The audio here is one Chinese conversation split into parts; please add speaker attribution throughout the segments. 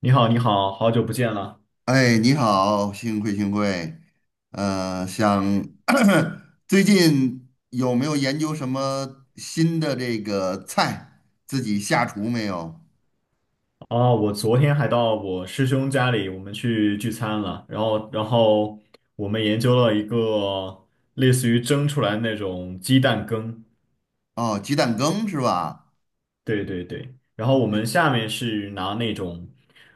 Speaker 1: 你好，你好，好久不见了
Speaker 2: 哎，你好，幸会幸会。呃，想 最近有没有研究什么新的这个菜，自己下厨没有？
Speaker 1: 哦！我昨天还到我师兄家里，我们去聚餐了，然后我们研究了一个类似于蒸出来那种鸡蛋羹，
Speaker 2: 哦，鸡蛋羹是吧？
Speaker 1: 对对对，然后我们下面是拿那种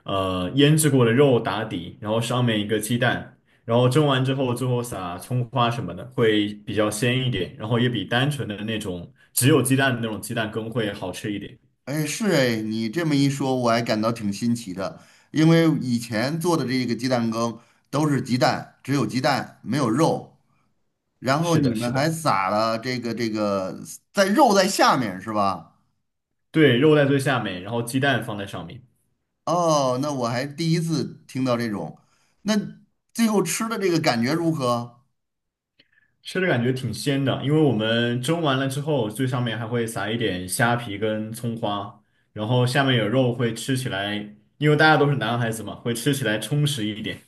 Speaker 1: 腌制过的肉打底，然后上面一个鸡蛋，然后蒸完之后，最后撒葱花什么的，会比较鲜一点，然后也比单纯的那种只有鸡蛋的那种鸡蛋羹会好吃一点。
Speaker 2: 哎，是哎，你这么一说，我还感到挺新奇的，因为以前做的这个鸡蛋羹都是鸡蛋，只有鸡蛋没有肉，然后
Speaker 1: 是
Speaker 2: 你
Speaker 1: 的，是
Speaker 2: 们还
Speaker 1: 的。
Speaker 2: 撒了这个在肉在下面是吧？
Speaker 1: 对，肉在最下面，然后鸡蛋放在上面，
Speaker 2: 哦，那我还第一次听到这种。那最后吃的这个感觉如何？
Speaker 1: 吃着感觉挺鲜的。因为我们蒸完了之后，最上面还会撒一点虾皮跟葱花，然后下面有肉，会吃起来，因为大家都是男孩子嘛，会吃起来充实一点。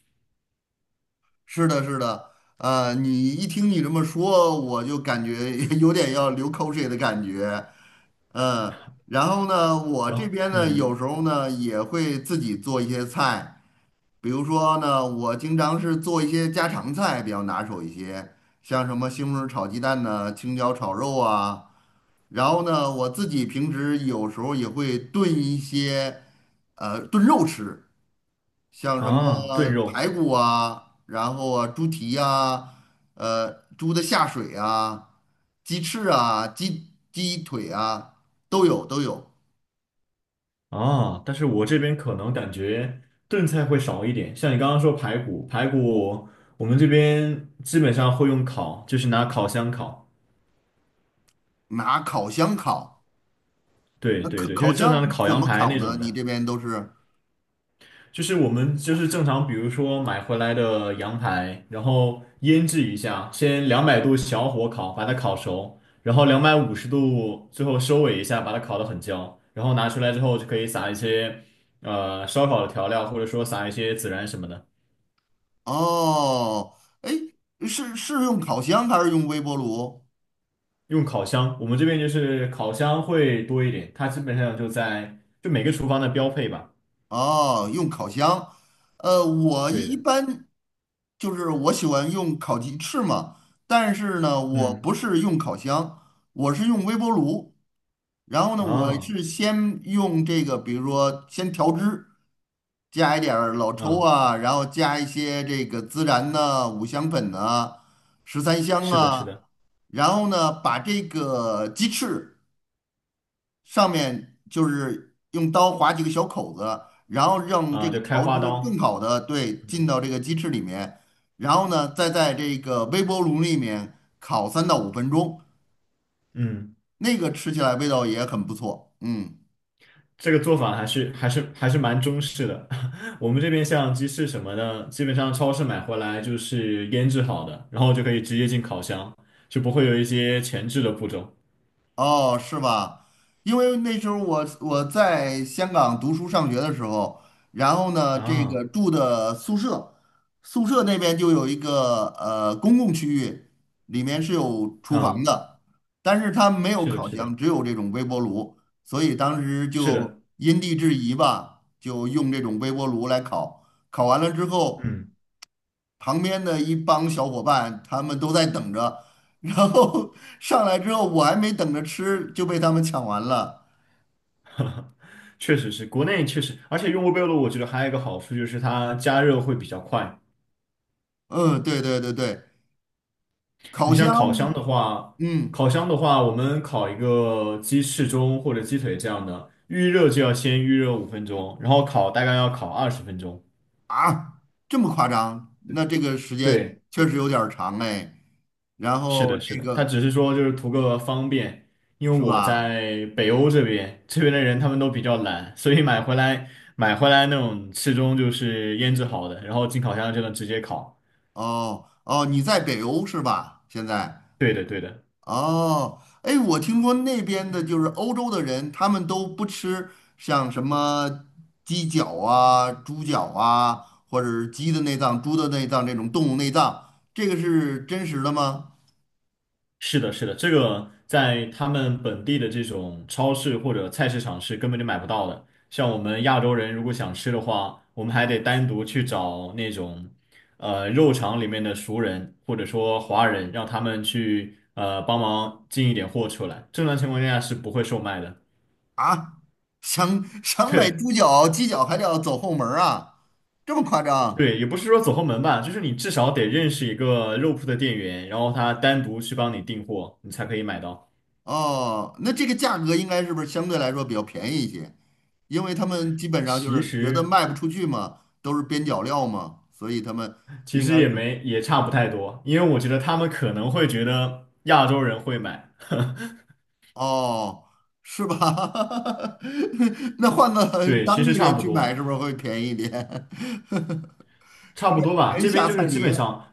Speaker 2: 是的，是的，你一听你这么说，我就感觉 有点要流口水的感觉。嗯，然后呢，我
Speaker 1: 然
Speaker 2: 这
Speaker 1: 后，
Speaker 2: 边呢，
Speaker 1: 嗯，
Speaker 2: 有时候呢也会自己做一些菜，比如说呢，我经常是做一些家常菜比较拿手一些，像什么西红柿炒鸡蛋呢、青椒炒肉啊。然后呢，我自己平时有时候也会炖一些，炖肉吃，像什么
Speaker 1: 啊，炖肉
Speaker 2: 排骨啊，然后啊，猪蹄呀，呃，猪的下水啊，鸡翅啊，鸡腿啊，都有都有，
Speaker 1: 啊，但是我这边可能感觉炖菜会少一点。像你刚刚说排骨，排骨我们这边基本上会用烤，就是拿烤箱烤。
Speaker 2: 拿烤箱烤。
Speaker 1: 对
Speaker 2: 那
Speaker 1: 对
Speaker 2: 烤
Speaker 1: 对，就
Speaker 2: 烤
Speaker 1: 是正常的
Speaker 2: 箱
Speaker 1: 烤
Speaker 2: 怎
Speaker 1: 羊
Speaker 2: 么
Speaker 1: 排
Speaker 2: 烤
Speaker 1: 那
Speaker 2: 呢？
Speaker 1: 种
Speaker 2: 你
Speaker 1: 的。
Speaker 2: 这边都是？
Speaker 1: 就是我们就是正常，比如说买回来的羊排，然后腌制一下，先200度小火烤，把它烤熟，然后250度最后收尾一下，把它烤得很焦，然后拿出来之后就可以撒一些烧烤的调料，或者说撒一些孜然什么的。
Speaker 2: 哦，哎，是是用烤箱还是用微波炉？
Speaker 1: 用烤箱，我们这边就是烤箱会多一点，它基本上就每个厨房的标配吧。
Speaker 2: 哦，用烤箱，我
Speaker 1: 对
Speaker 2: 一
Speaker 1: 的，
Speaker 2: 般就是我喜欢用烤鸡翅嘛，但是呢，我
Speaker 1: 嗯，
Speaker 2: 不是用烤箱，我是用微波炉。然后呢，我
Speaker 1: 啊
Speaker 2: 是先用这个，比如说先调汁，加一点儿老抽
Speaker 1: 啊，
Speaker 2: 啊，然后加一些这个孜然呐、五香粉呐、十三香
Speaker 1: 是的，是
Speaker 2: 啊，
Speaker 1: 的
Speaker 2: 然后呢，把这个鸡翅。上面就是用刀划几个小口子，然后让这
Speaker 1: 啊，
Speaker 2: 个
Speaker 1: 就开
Speaker 2: 调
Speaker 1: 花
Speaker 2: 汁更
Speaker 1: 刀，
Speaker 2: 好的对进
Speaker 1: 嗯
Speaker 2: 到这个鸡翅里面，然后呢，再在这个微波炉里面烤三到五分钟，
Speaker 1: 嗯。
Speaker 2: 那个吃起来味道也很不错。嗯，
Speaker 1: 这个做法还是蛮中式的。我们这边像鸡翅什么的，基本上超市买回来就是腌制好的，然后就可以直接进烤箱，就不会有一些前置的步骤。
Speaker 2: 哦，是吧？因为那时候我在香港读书上学的时候，然后呢，这个
Speaker 1: 啊
Speaker 2: 住的宿舍，宿舍那边就有一个公共区域，里面是有厨房
Speaker 1: 啊，
Speaker 2: 的，但是它没有
Speaker 1: 是的，
Speaker 2: 烤
Speaker 1: 是
Speaker 2: 箱，
Speaker 1: 的，
Speaker 2: 只有这种微波炉，所以当时
Speaker 1: 是
Speaker 2: 就
Speaker 1: 的，
Speaker 2: 因地制宜吧，就用这种微波炉来烤。烤完了之后，
Speaker 1: 嗯，
Speaker 2: 旁边的一帮小伙伴，他们都在等着，然后 上来之后，我还没等着吃就被他们抢完了。
Speaker 1: 确实是，国内确实，而且用微波炉，我觉得还有一个好处就是它加热会比较快。
Speaker 2: 嗯，对对对对，烤
Speaker 1: 你
Speaker 2: 箱，
Speaker 1: 像烤箱的话，
Speaker 2: 嗯
Speaker 1: 我们烤一个鸡翅中或者鸡腿这样的，预热就要先预热5分钟，然后烤大概要烤20分钟。
Speaker 2: 啊，这么夸张？那这个时间
Speaker 1: 对，
Speaker 2: 确实有点儿长哎。然
Speaker 1: 是
Speaker 2: 后
Speaker 1: 的，是
Speaker 2: 这
Speaker 1: 的，他
Speaker 2: 个
Speaker 1: 只是说就是图个方便，因为
Speaker 2: 是
Speaker 1: 我
Speaker 2: 吧？
Speaker 1: 在北欧这边，这边的人他们都比较懒，所以买回来那种翅中就是腌制好的，然后进烤箱就能直接烤。
Speaker 2: 哦哦，你在北欧是吧？现在。
Speaker 1: 对的，对的。
Speaker 2: 哦，哎，我听说那边的就是欧洲的人，他们都不吃像什么鸡脚啊、猪脚啊，或者是鸡的内脏、猪的内脏这种动物内脏，这个是真实的吗？
Speaker 1: 是的，是的，这个在他们本地的这种超市或者菜市场是根本就买不到的。像我们亚洲人如果想吃的话，我们还得单独去找那种肉场里面的熟人或者说华人，让他们去帮忙进一点货出来。正常情况下是不会售卖的。
Speaker 2: 啊，想 想买
Speaker 1: 对
Speaker 2: 猪脚、鸡脚还得要走后门儿啊，这么夸张？
Speaker 1: 对，也不是说走后门吧，就是你至少得认识一个肉铺的店员，然后他单独去帮你订货，你才可以买到。
Speaker 2: 哦，那这个价格应该是不是相对来说比较便宜一些？因为他们基本上就
Speaker 1: 其
Speaker 2: 是觉得
Speaker 1: 实
Speaker 2: 卖不出去嘛，都是边角料嘛，所以他们
Speaker 1: 其
Speaker 2: 应
Speaker 1: 实
Speaker 2: 该是。
Speaker 1: 也差不太多，因为我觉得他们可能会觉得亚洲人会买，
Speaker 2: 哦，是吧？那换 个
Speaker 1: 对，其
Speaker 2: 当地
Speaker 1: 实差
Speaker 2: 人
Speaker 1: 不
Speaker 2: 去买，
Speaker 1: 多，
Speaker 2: 是不是会便宜一点？
Speaker 1: 差不多吧。
Speaker 2: 人
Speaker 1: 这
Speaker 2: 下
Speaker 1: 边就
Speaker 2: 菜
Speaker 1: 是基
Speaker 2: 碟
Speaker 1: 本上，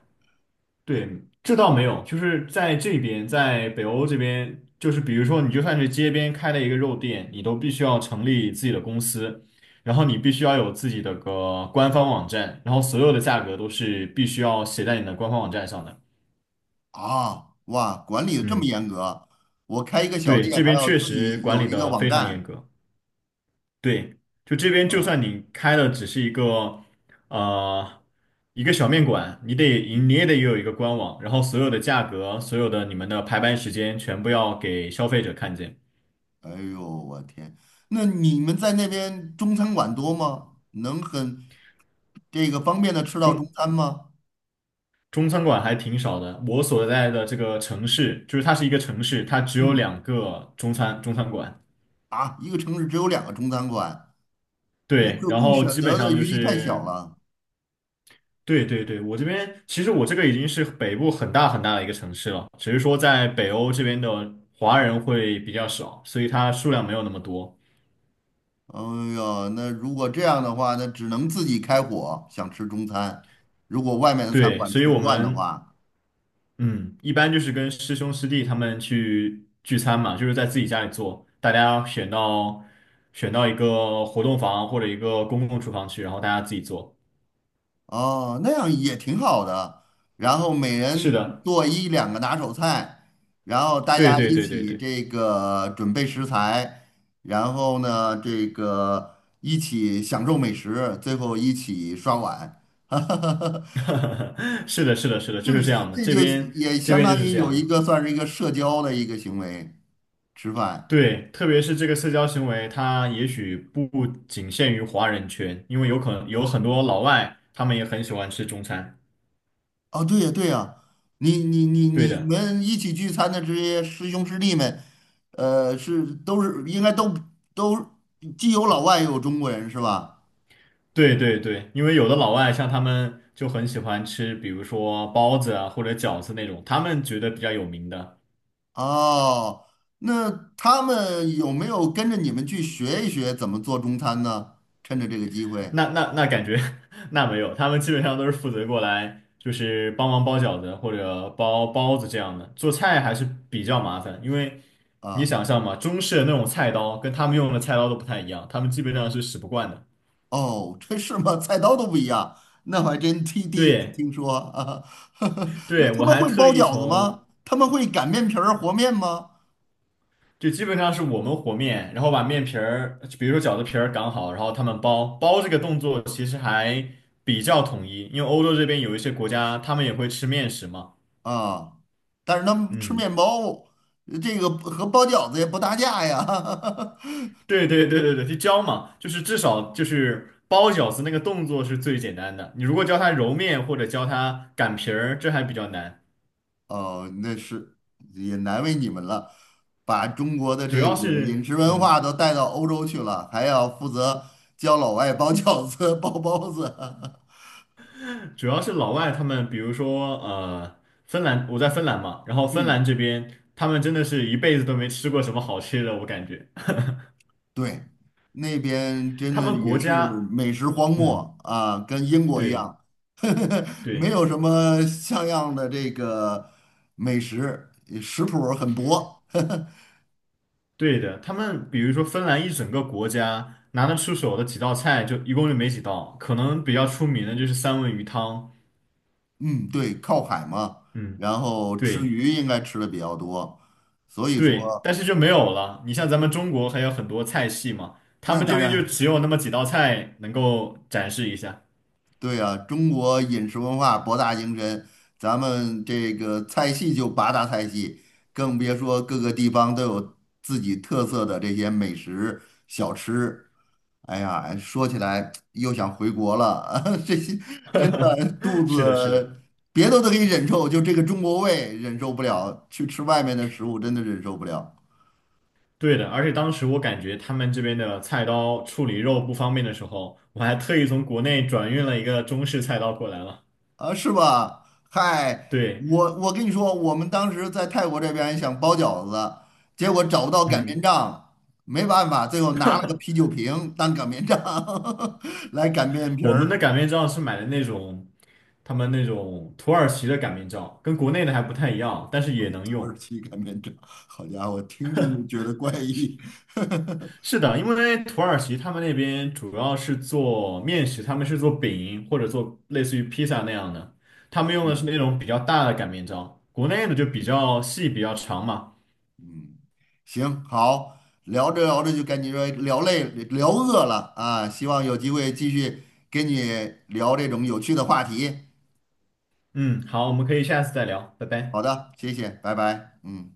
Speaker 1: 对，这倒没有，就是在这边，在北欧这边，就是比如说你就算是街边开了一个肉店，你都必须要成立自己的公司，然后你必须要有自己的个官方网站，然后所有的价格都是必须要写在你的官方网站上的。
Speaker 2: 啊，哇，管理的这么
Speaker 1: 嗯，
Speaker 2: 严格，我开一个小
Speaker 1: 对，
Speaker 2: 店
Speaker 1: 这
Speaker 2: 还
Speaker 1: 边
Speaker 2: 要
Speaker 1: 确
Speaker 2: 自
Speaker 1: 实
Speaker 2: 己
Speaker 1: 管
Speaker 2: 有
Speaker 1: 理
Speaker 2: 一个
Speaker 1: 的
Speaker 2: 网
Speaker 1: 非常严
Speaker 2: 站
Speaker 1: 格。对，就这边就算
Speaker 2: 啊，
Speaker 1: 你开的只是呃一个小面馆，你也得有一个官网，然后所有的价格、所有的你们的排班时间全部要给消费者看见。
Speaker 2: 哎呦，我天，那你们在那边中餐馆多吗？能很这个方便的吃到中
Speaker 1: 中
Speaker 2: 餐吗？
Speaker 1: 中餐馆还挺少的，我所在的这个城市，就是它是一个城市，它只有
Speaker 2: 嗯，
Speaker 1: 两个中餐馆。
Speaker 2: 啊，一个城市只有两个中餐馆，那
Speaker 1: 对，
Speaker 2: 可
Speaker 1: 然
Speaker 2: 供
Speaker 1: 后
Speaker 2: 选
Speaker 1: 基本
Speaker 2: 择的
Speaker 1: 上就
Speaker 2: 余地太小
Speaker 1: 是。
Speaker 2: 了。
Speaker 1: 对对对，我这边其实我这个已经是北部很大很大的一个城市了，只是说在北欧这边的华人会比较少，所以它数量没有那么多。
Speaker 2: 哎呦，那如果这样的话，那只能自己开火，想吃中餐。如果外面的餐
Speaker 1: 对，
Speaker 2: 馆
Speaker 1: 所以
Speaker 2: 吃不
Speaker 1: 我
Speaker 2: 惯的
Speaker 1: 们
Speaker 2: 话，
Speaker 1: 嗯，一般就是跟师兄师弟他们去聚餐嘛，就是在自己家里做，大家选到一个活动房或者一个公共厨房去，然后大家自己做。
Speaker 2: 哦，那样也挺好的。然后每
Speaker 1: 是
Speaker 2: 人
Speaker 1: 的，
Speaker 2: 做一两个拿手菜，然后大
Speaker 1: 对
Speaker 2: 家
Speaker 1: 对
Speaker 2: 一
Speaker 1: 对对
Speaker 2: 起
Speaker 1: 对，
Speaker 2: 这个准备食材，然后呢，这个一起享受美食，最后一起刷碗。
Speaker 1: 是的，是的，是的，
Speaker 2: 这
Speaker 1: 就是这样的，
Speaker 2: 这就也
Speaker 1: 这
Speaker 2: 相
Speaker 1: 边就
Speaker 2: 当
Speaker 1: 是
Speaker 2: 于
Speaker 1: 这
Speaker 2: 有
Speaker 1: 样
Speaker 2: 一
Speaker 1: 的。
Speaker 2: 个算是一个社交的一个行为，吃饭。
Speaker 1: 对，特别是这个社交行为，它也许不仅限于华人圈，因为有可能有很多老外，他们也很喜欢吃中餐。
Speaker 2: 哦，对呀，对呀，你你你
Speaker 1: 对
Speaker 2: 你
Speaker 1: 的，
Speaker 2: 们一起聚餐的这些师兄师弟们，是都是应该都既有老外也有中国人是吧？
Speaker 1: 对对对，因为有的老外像他们就很喜欢吃，比如说包子啊或者饺子那种，他们觉得比较有名的。
Speaker 2: 哦，那他们有没有跟着你们去学一学怎么做中餐呢？趁着这个机会
Speaker 1: 那感觉 那没有，他们基本上都是负责过来就是帮忙包饺子或者包包子这样的，做菜还是比较麻烦，因为你
Speaker 2: 啊，
Speaker 1: 想象嘛，中式的那种菜刀跟他们用的菜刀都不太一样，他们基本上是使不惯的。
Speaker 2: 哦，这是吗？菜刀都不一样，那我还真第一次
Speaker 1: 对，
Speaker 2: 听说啊。那
Speaker 1: 对，
Speaker 2: 他
Speaker 1: 我
Speaker 2: 们
Speaker 1: 还
Speaker 2: 会
Speaker 1: 特
Speaker 2: 包
Speaker 1: 意
Speaker 2: 饺子
Speaker 1: 从，
Speaker 2: 吗？他们会擀面皮儿和面吗？
Speaker 1: 就基本上是我们和面，然后把面皮儿，比如说饺子皮儿擀好，然后他们包这个动作其实还比较统一，因为欧洲这边有一些国家他们也会吃面食嘛。
Speaker 2: 啊，但是他们吃
Speaker 1: 嗯，
Speaker 2: 面包，这个和包饺子也不搭架呀。
Speaker 1: 对对对对对，就教嘛，就是至少就是包饺子那个动作是最简单的，你如果教他揉面或者教他擀皮儿，这还比较难，
Speaker 2: 哦，那是也难为你们了，把中国的
Speaker 1: 主
Speaker 2: 这
Speaker 1: 要
Speaker 2: 个
Speaker 1: 是
Speaker 2: 饮食文化
Speaker 1: 嗯。
Speaker 2: 都带到欧洲去了，还要负责教老外包饺子、包包子。
Speaker 1: 主要是老外他们，比如说芬兰，我在芬兰嘛，然后芬
Speaker 2: 嗯，
Speaker 1: 兰这边他们真的是一辈子都没吃过什么好吃的，我感觉
Speaker 2: 对，那边真
Speaker 1: 他
Speaker 2: 的
Speaker 1: 们
Speaker 2: 也
Speaker 1: 国
Speaker 2: 是
Speaker 1: 家，
Speaker 2: 美食荒
Speaker 1: 嗯，
Speaker 2: 漠啊，跟英国一
Speaker 1: 对
Speaker 2: 样，没
Speaker 1: 对
Speaker 2: 有什么像样的这个美食，食谱儿很薄。
Speaker 1: 对的，他们比如说芬兰一整个国家拿得出手的几道菜就一共就没几道，可能比较出名的就是三文鱼汤，
Speaker 2: 嗯，对，靠海嘛，
Speaker 1: 嗯，
Speaker 2: 然后吃
Speaker 1: 对
Speaker 2: 鱼应该吃的比较多，所以说
Speaker 1: 对，但是就没有了。你像咱们中国还有很多菜系嘛，他
Speaker 2: 那
Speaker 1: 们这
Speaker 2: 当
Speaker 1: 边就
Speaker 2: 然
Speaker 1: 只有那么几道菜能够展示一下。
Speaker 2: 对啊，中国饮食文化博大精深，咱们这个菜系就八大菜系，更别说各个地方都有自己特色的这些美食小吃。哎呀，说起来又想回国了，这些真的肚
Speaker 1: 是的，是的。
Speaker 2: 子别的都可以忍受，就这个中国胃忍受不了，去吃外面的食物真的忍受不了。
Speaker 1: 对的，而且当时我感觉他们这边的菜刀处理肉不方便的时候，我还特意从国内转运了一个中式菜刀过来了。
Speaker 2: 啊，是吧？嗨，
Speaker 1: 对，
Speaker 2: 我跟你说，我们当时在泰国这边想包饺子，结果找不到擀面
Speaker 1: 嗯，
Speaker 2: 杖，没办法，最后拿了个啤酒瓶当擀面杖 来擀面皮
Speaker 1: 我
Speaker 2: 儿，
Speaker 1: 们的擀面杖是买的那种他们那种土耳其的擀面杖，跟国内的还不太一样，但是也能
Speaker 2: 土耳
Speaker 1: 用。
Speaker 2: 其擀面杖。好家伙，听听就觉得怪异。
Speaker 1: 是的，因为土耳其他们那边主要是做面食，他们是做饼或者做类似于披萨那样的，他们用的是
Speaker 2: 嗯
Speaker 1: 那种比较大的擀面杖，国内的就比较细比较长嘛。
Speaker 2: 嗯，行，好，聊着聊着就感觉聊累了，聊饿了啊，希望有机会继续跟你聊这种有趣的话题。
Speaker 1: 嗯，好，我们可以下次再聊，拜
Speaker 2: 好
Speaker 1: 拜。
Speaker 2: 的，谢谢，拜拜，嗯。